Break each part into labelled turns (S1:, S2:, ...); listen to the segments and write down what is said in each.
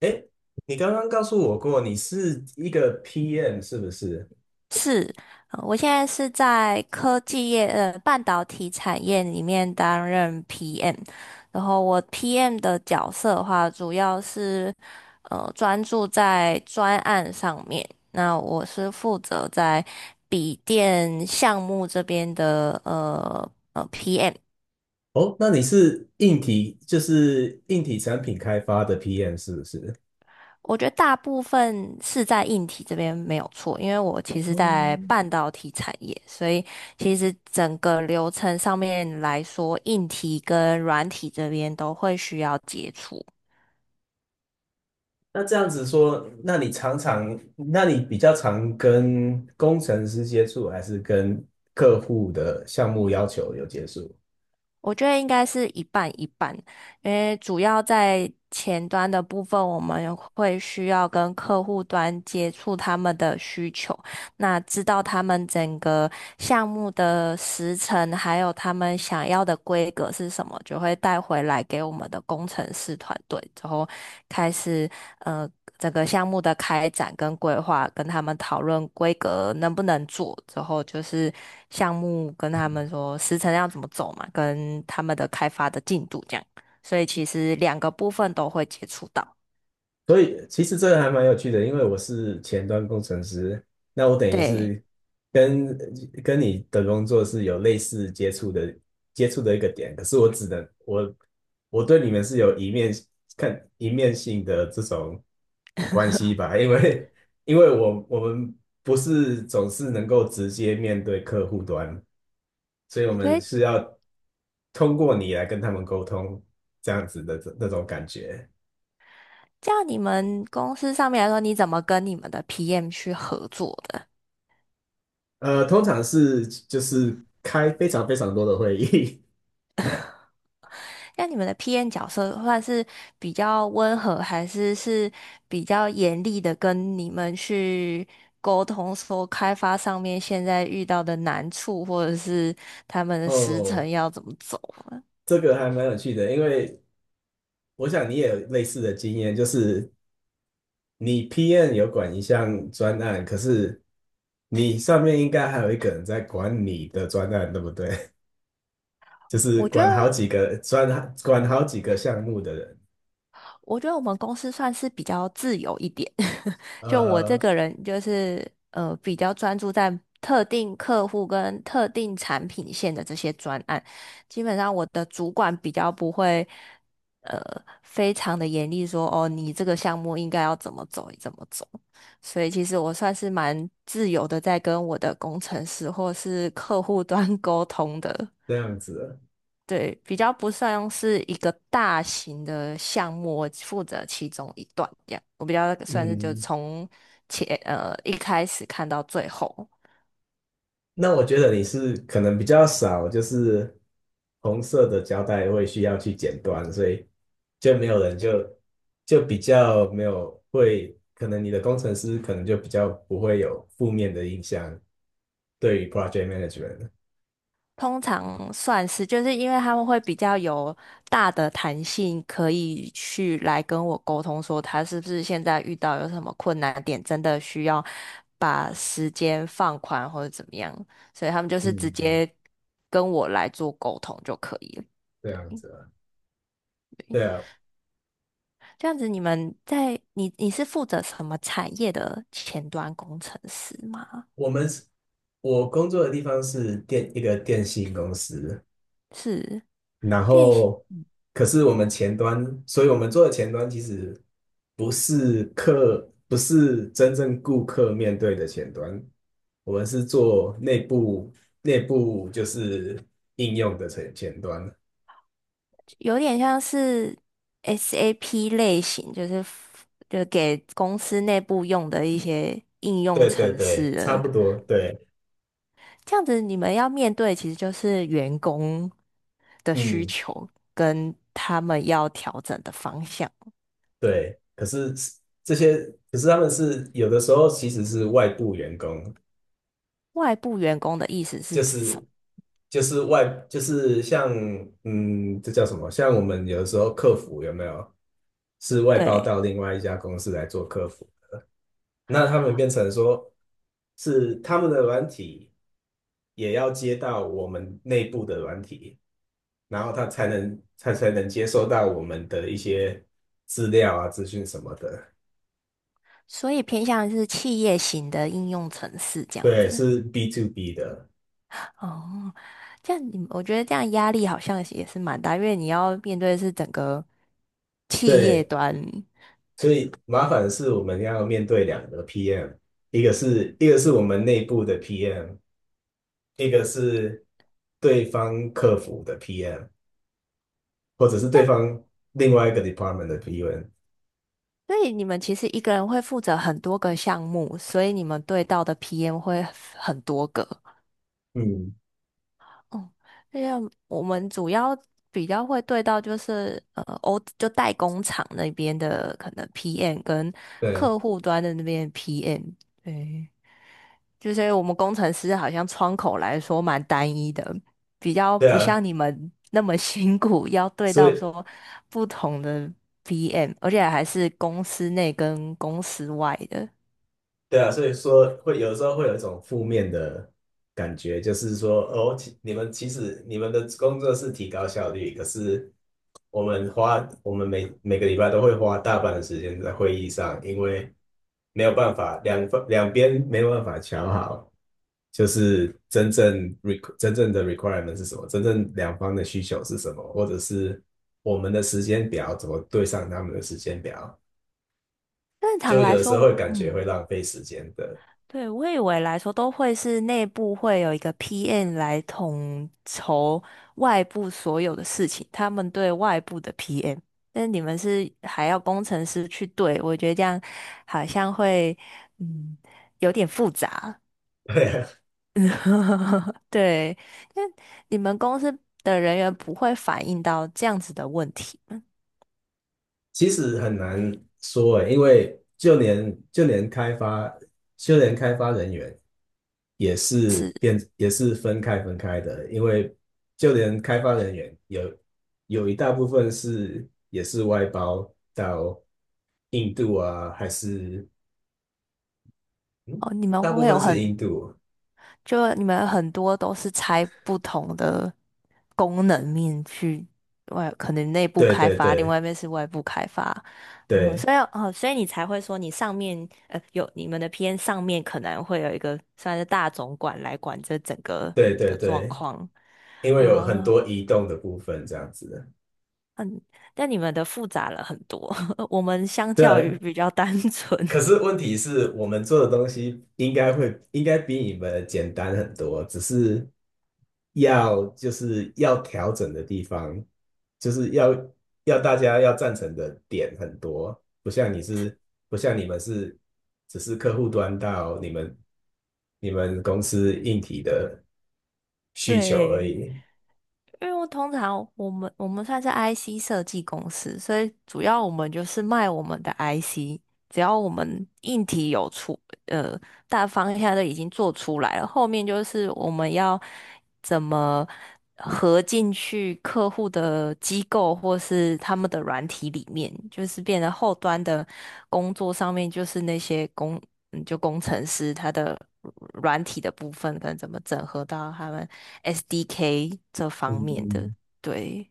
S1: 哎，你刚刚告诉我过你是一个 PM 是不是？
S2: 是，我现在是在科技业，半导体产业里面担任 PM，然后我 PM 的角色的话，主要是专注在专案上面。那我是负责在笔电项目这边的PM。
S1: 哦，那你是硬体，就是硬体产品开发的 PM 是不是？
S2: 我觉得大部分是在硬体这边没有错，因为我其实
S1: 哦，
S2: 在半导体产业，所以其实整个流程上面来说，硬体跟软体这边都会需要接触。
S1: 那这样子说，那你比较常跟工程师接触，还是跟客户的项目要求有接触？
S2: 我觉得应该是一半一半，因为主要在前端的部分，我们会需要跟客户端接触他们的需求，那知道他们整个项目的时程，还有他们想要的规格是什么，就会带回来给我们的工程师团队，之后开始。呃整个项目的开展跟规划，跟他们讨论规格能不能做，之后就是项目跟他们说时程要怎么走嘛，跟他们的开发的进度这样。所以其实两个部分都会接触到。
S1: 所以其实这个还蛮有趣的，因为我是前端工程师，那我等于
S2: 对，
S1: 是跟跟你的工作是有类似接触的接触的一个点，可是我只能我我对你们是有一面看一面性的这种关系吧，因为我们不是总是能够直接面对客户端，所以我
S2: 所
S1: 们
S2: 以
S1: 是要通过你来跟他们沟通这样子的那种感觉。
S2: 这样你们公司上面来说，你怎么跟你们的 PM 去合作的？
S1: 通常是就是开非常非常多的会议。
S2: 那你们的 p N 角色算是比较温和，还是比较严厉的跟你们去沟通，说开发上面现在遇到的难处，或者是他们 的时
S1: 哦，
S2: 程要怎么走啊。
S1: 这个还蛮有趣的，因为我想你也有类似的经验，就是你 p n 有管一项专案，可是你上面应该还有一个人在管你的专案，对不对？就是
S2: 我觉
S1: 管好
S2: 得
S1: 几个专，管好几个项目的人。
S2: 我觉得我们公司算是比较自由一点，就我这
S1: 呃，
S2: 个人就是比较专注在特定客户跟特定产品线的这些专案，基本上我的主管比较不会呃非常的严厉说哦你这个项目应该要怎么走怎么走，所以其实我算是蛮自由的在跟我的工程师或是客户端 沟通的。
S1: 这样子，
S2: 对，比较不算是一个大型的项目，我负责其中一段这样。我比较算是就
S1: 嗯，
S2: 从前一开始看到最后，
S1: 那我觉得你是可能比较少，就是红色的胶带会需要去剪断，所以就没有人就就比较没有会，可能你的工程师可能就比较不会有负面的印象对于 project management。
S2: 通常算是就是因为他们会比较有大的弹性，可以去来跟我沟通说他是不是现在遇到有什么困难点，真的需要把时间放宽或者怎么样，所以他们就是直
S1: 嗯，嗯，
S2: 接跟我来做沟通就可以了。
S1: 这样子啊，对啊，
S2: 这样子，你们在你是负责什么产业的前端工程师吗？
S1: 我们是我工作的地方是一个电信公司，
S2: 是
S1: 然
S2: 练习
S1: 后可是我们前端，所以我们做的前端其实不是真正顾客面对的前端，我们是做内部就是应用的前端。
S2: 有点像是 SAP 类型，就是就给公司内部用的一些应用
S1: 对对
S2: 程式
S1: 对，差
S2: 的。
S1: 不多，对，
S2: 这样子，你们要面对其实就是员工的需
S1: 嗯，
S2: 求跟他们要调整的方向。
S1: 对。可是这些，可是他们是有的时候其实是外部员工，
S2: 外部员工的意思是
S1: 就
S2: 指什么？
S1: 是就是外就是像嗯，这叫什么？像我们有的时候客服有没有是外包
S2: 对，
S1: 到另外一家公司来做客服？那他们变成说是他们的软体也要接到我们内部的软体，然后他才能接收到我们的一些资料啊、资讯什么的。
S2: 所以偏向是企业型的应用程式这样
S1: 对，
S2: 子。
S1: 是 B to B 的。
S2: 哦，这样你我觉得这样压力好像也是蛮大，因为你要面对的是整个企业
S1: 对，
S2: 端。
S1: 所以麻烦的是我们要面对两个 PM，一个是我们内部的 PM，一个是对方客服的 PM，或者是
S2: 这
S1: 对
S2: 样，
S1: 方另外一个 department 的 PM。
S2: 所以你们其实一个人会负责很多个项目，所以你们对到的 PM 会很多个。
S1: 嗯，
S2: 哦，这样我们主要比较会对到就是就代工厂那边的可能 PM 跟
S1: 对，
S2: 客户端的那边 PM。对，就是我们工程师好像窗口来说蛮单一的，比较
S1: 对
S2: 不
S1: 啊，
S2: 像你们那么 辛苦，要对
S1: 所
S2: 到
S1: 以
S2: 说不同的 PM,而且还是公司内跟公司外的。
S1: 对啊，所以说会有时候会有一种负面的感觉，就是说哦，其实你们的工作是提高效率，可是我们每个礼拜都会花大半的时间在会议上，因为没有办法，两边没有办法瞧好，就是真正的 requirement 是什么，真正两方的需求是什么，或者是我们的时间表怎么对上他们的时间表，
S2: 正
S1: 就
S2: 常来
S1: 有的时
S2: 说
S1: 候会
S2: 我
S1: 感觉会浪费时间的。
S2: 对，我以为来说都会是内部会有一个 PM 来统筹外部所有的事情，他们对外部的 PM,但你们是还要工程师去对，我觉得这样好像会嗯有点复杂。
S1: 对，
S2: 对，那你们公司的人员不会反映到这样子的问题吗？
S1: 其实很难说诶，因为就连开发人员也是分开的，因为就连开发人员有一大部分是也是外包到印度啊，还是嗯，
S2: 哦，
S1: 大部分是印度，
S2: 你们很多都是拆不同的功能面去外，可能内部
S1: 对
S2: 开
S1: 对
S2: 发，另
S1: 对，
S2: 外一面是外部开发。哦，
S1: 对
S2: 所以你才会说你上面有你们的 p N 上面可能会有一个算是大总管来管这整个
S1: 对对
S2: 的状
S1: 对，
S2: 况。
S1: 因为有很
S2: 啊，
S1: 多移动的部分这样子，
S2: 嗯，但你们的复杂了很多，我们相
S1: 对
S2: 较于
S1: 啊，
S2: 比较单纯。
S1: 可是问题是我们做的东西应该会应该比你们简单很多，只是要就是要调整的地方，就是要大家要赞成的点很多，不像你们是只是客户端到你们你们公司硬体的 需求而
S2: 对，
S1: 已。
S2: 因为我通常我们我们算是 IC 设计公司，所以主要我们就是卖我们的 IC,只要我们硬体有出，呃，大方向都已经做出来了，后面就是我们要怎么合进去客户的机构或是他们的软体里面，就是变得后端的工作上面，就是那些工嗯就工程师他的软体的部分，跟怎么整合到他们 SDK 这方面的，
S1: 嗯，
S2: 对，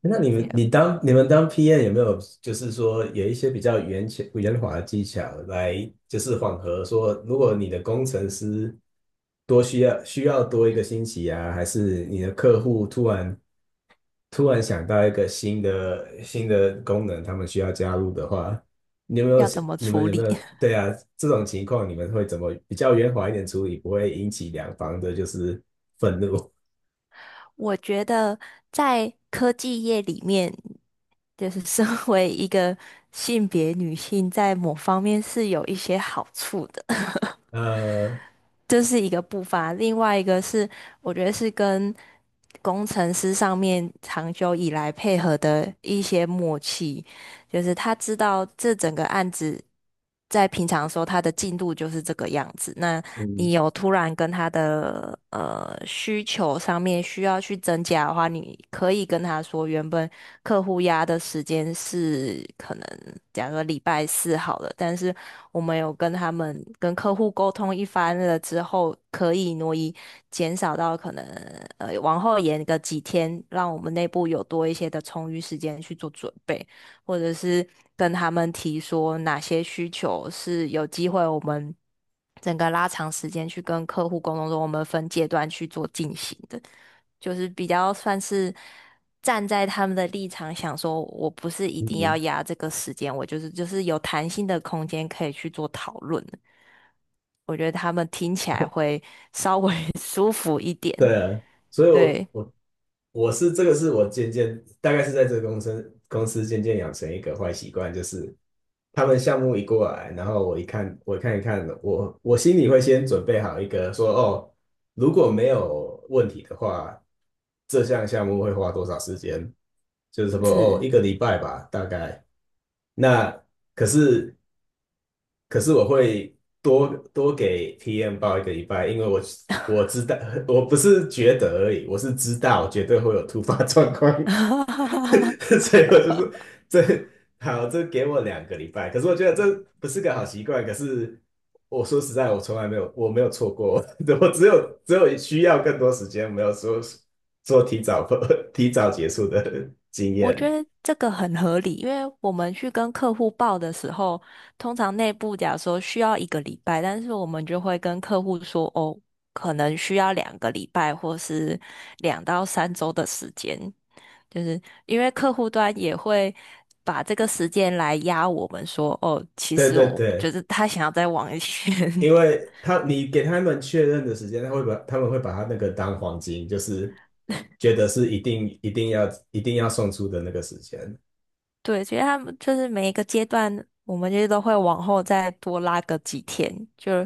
S1: 那
S2: 嗯，
S1: 你
S2: 不
S1: 们
S2: 要
S1: 你当你们当 PM 有没有就是说有一些比较圆巧圆滑的技巧来就是缓和说，如果你的工程师多需要需要多一个星期啊，还是你的客户突然想到一个新的功能，他们需要加入的话，
S2: 要怎么
S1: 你
S2: 处
S1: 们有没
S2: 理？
S1: 有对啊，这种情况你们会怎么比较圆滑一点处理，不会引起两方的就是愤怒？
S2: 我觉得在科技业里面，就是身 为一个性别女性，在某方面是有一些好处的，
S1: 呃，
S2: 这是一个步伐。另外一个是，我觉得是跟工程师上面长久以来配合的一些默契。就是他知道这整个案子在平常的时候他的进度就是这个样子。那
S1: 嗯
S2: 你有突然跟他的需求上面需要去增加的话，你可以跟他说，原本客户压的时间是可能假如说礼拜四好了，但是我们有跟他们跟客户沟通一番了之后，可以挪移减少到可能往后延个几天，让我们内部有多一些的充裕时间去做准备。或者是跟他们提说哪些需求是有机会我们整个拉长时间去跟客户沟通中，我们分阶段去做进行的，就是比较算是站在他们的立场想说，我不是一定要
S1: 嗯，
S2: 压这个时间，我就是有弹性的空间可以去做讨论的。我觉得他们听起来会稍微 舒服一点，
S1: 对啊，所以我
S2: 对，
S1: 我我是我渐渐大概是在这个公司渐渐养成一个坏习惯，就是他们项目一过来，然后我看一看，我心里会先准备好一个说哦，如果没有问题的话，这项目会花多少时间？就是说哦，
S2: 是。
S1: 一个礼拜吧，大概。那可是可是我会多多给 PM 报一个礼拜，因为我知道，我不是觉得而已，我是知道绝对会有突发状况。所以我就是这好，这给我两个礼拜。可是我觉得这不是个好习惯，可是我说实在，我没有错过。我只有需要更多时间，没有说说提早 提早结束的经
S2: 我觉
S1: 验。
S2: 得这个很合理，因为我们去跟客户报的时候，通常内部假如说需要一个礼拜，但是我们就会跟客户说，哦，可能需要2个礼拜或是2到3周的时间，就是因为客户端也会把这个时间来压我们说，哦，其
S1: 对
S2: 实
S1: 对
S2: 我觉
S1: 对。
S2: 得他想要再往一些。
S1: 因为他你给他们确认的时间，他们会把他那个当黄金，就是觉得是一定要送出的那个时间。
S2: 对，其实他们就是每一个阶段，我们就是都会往后再多拉个几天，就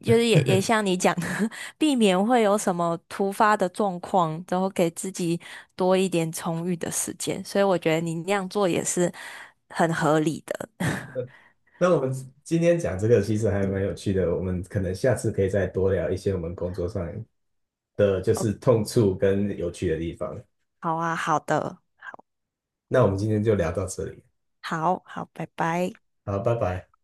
S2: 就是也 像你讲的，避免会有什么突发的状况，然后给自己多一点充裕的时间。所以我觉得你那样做也是很合理的。
S1: 那我们今天讲这个其实还蛮有趣的，我们可能下次可以再多聊一些我们工作上的就
S2: 哦，
S1: 是痛处跟有趣的地方。
S2: 好啊，好的，
S1: 那我们今天就聊到这里，
S2: 好好，拜拜。
S1: 好，拜拜。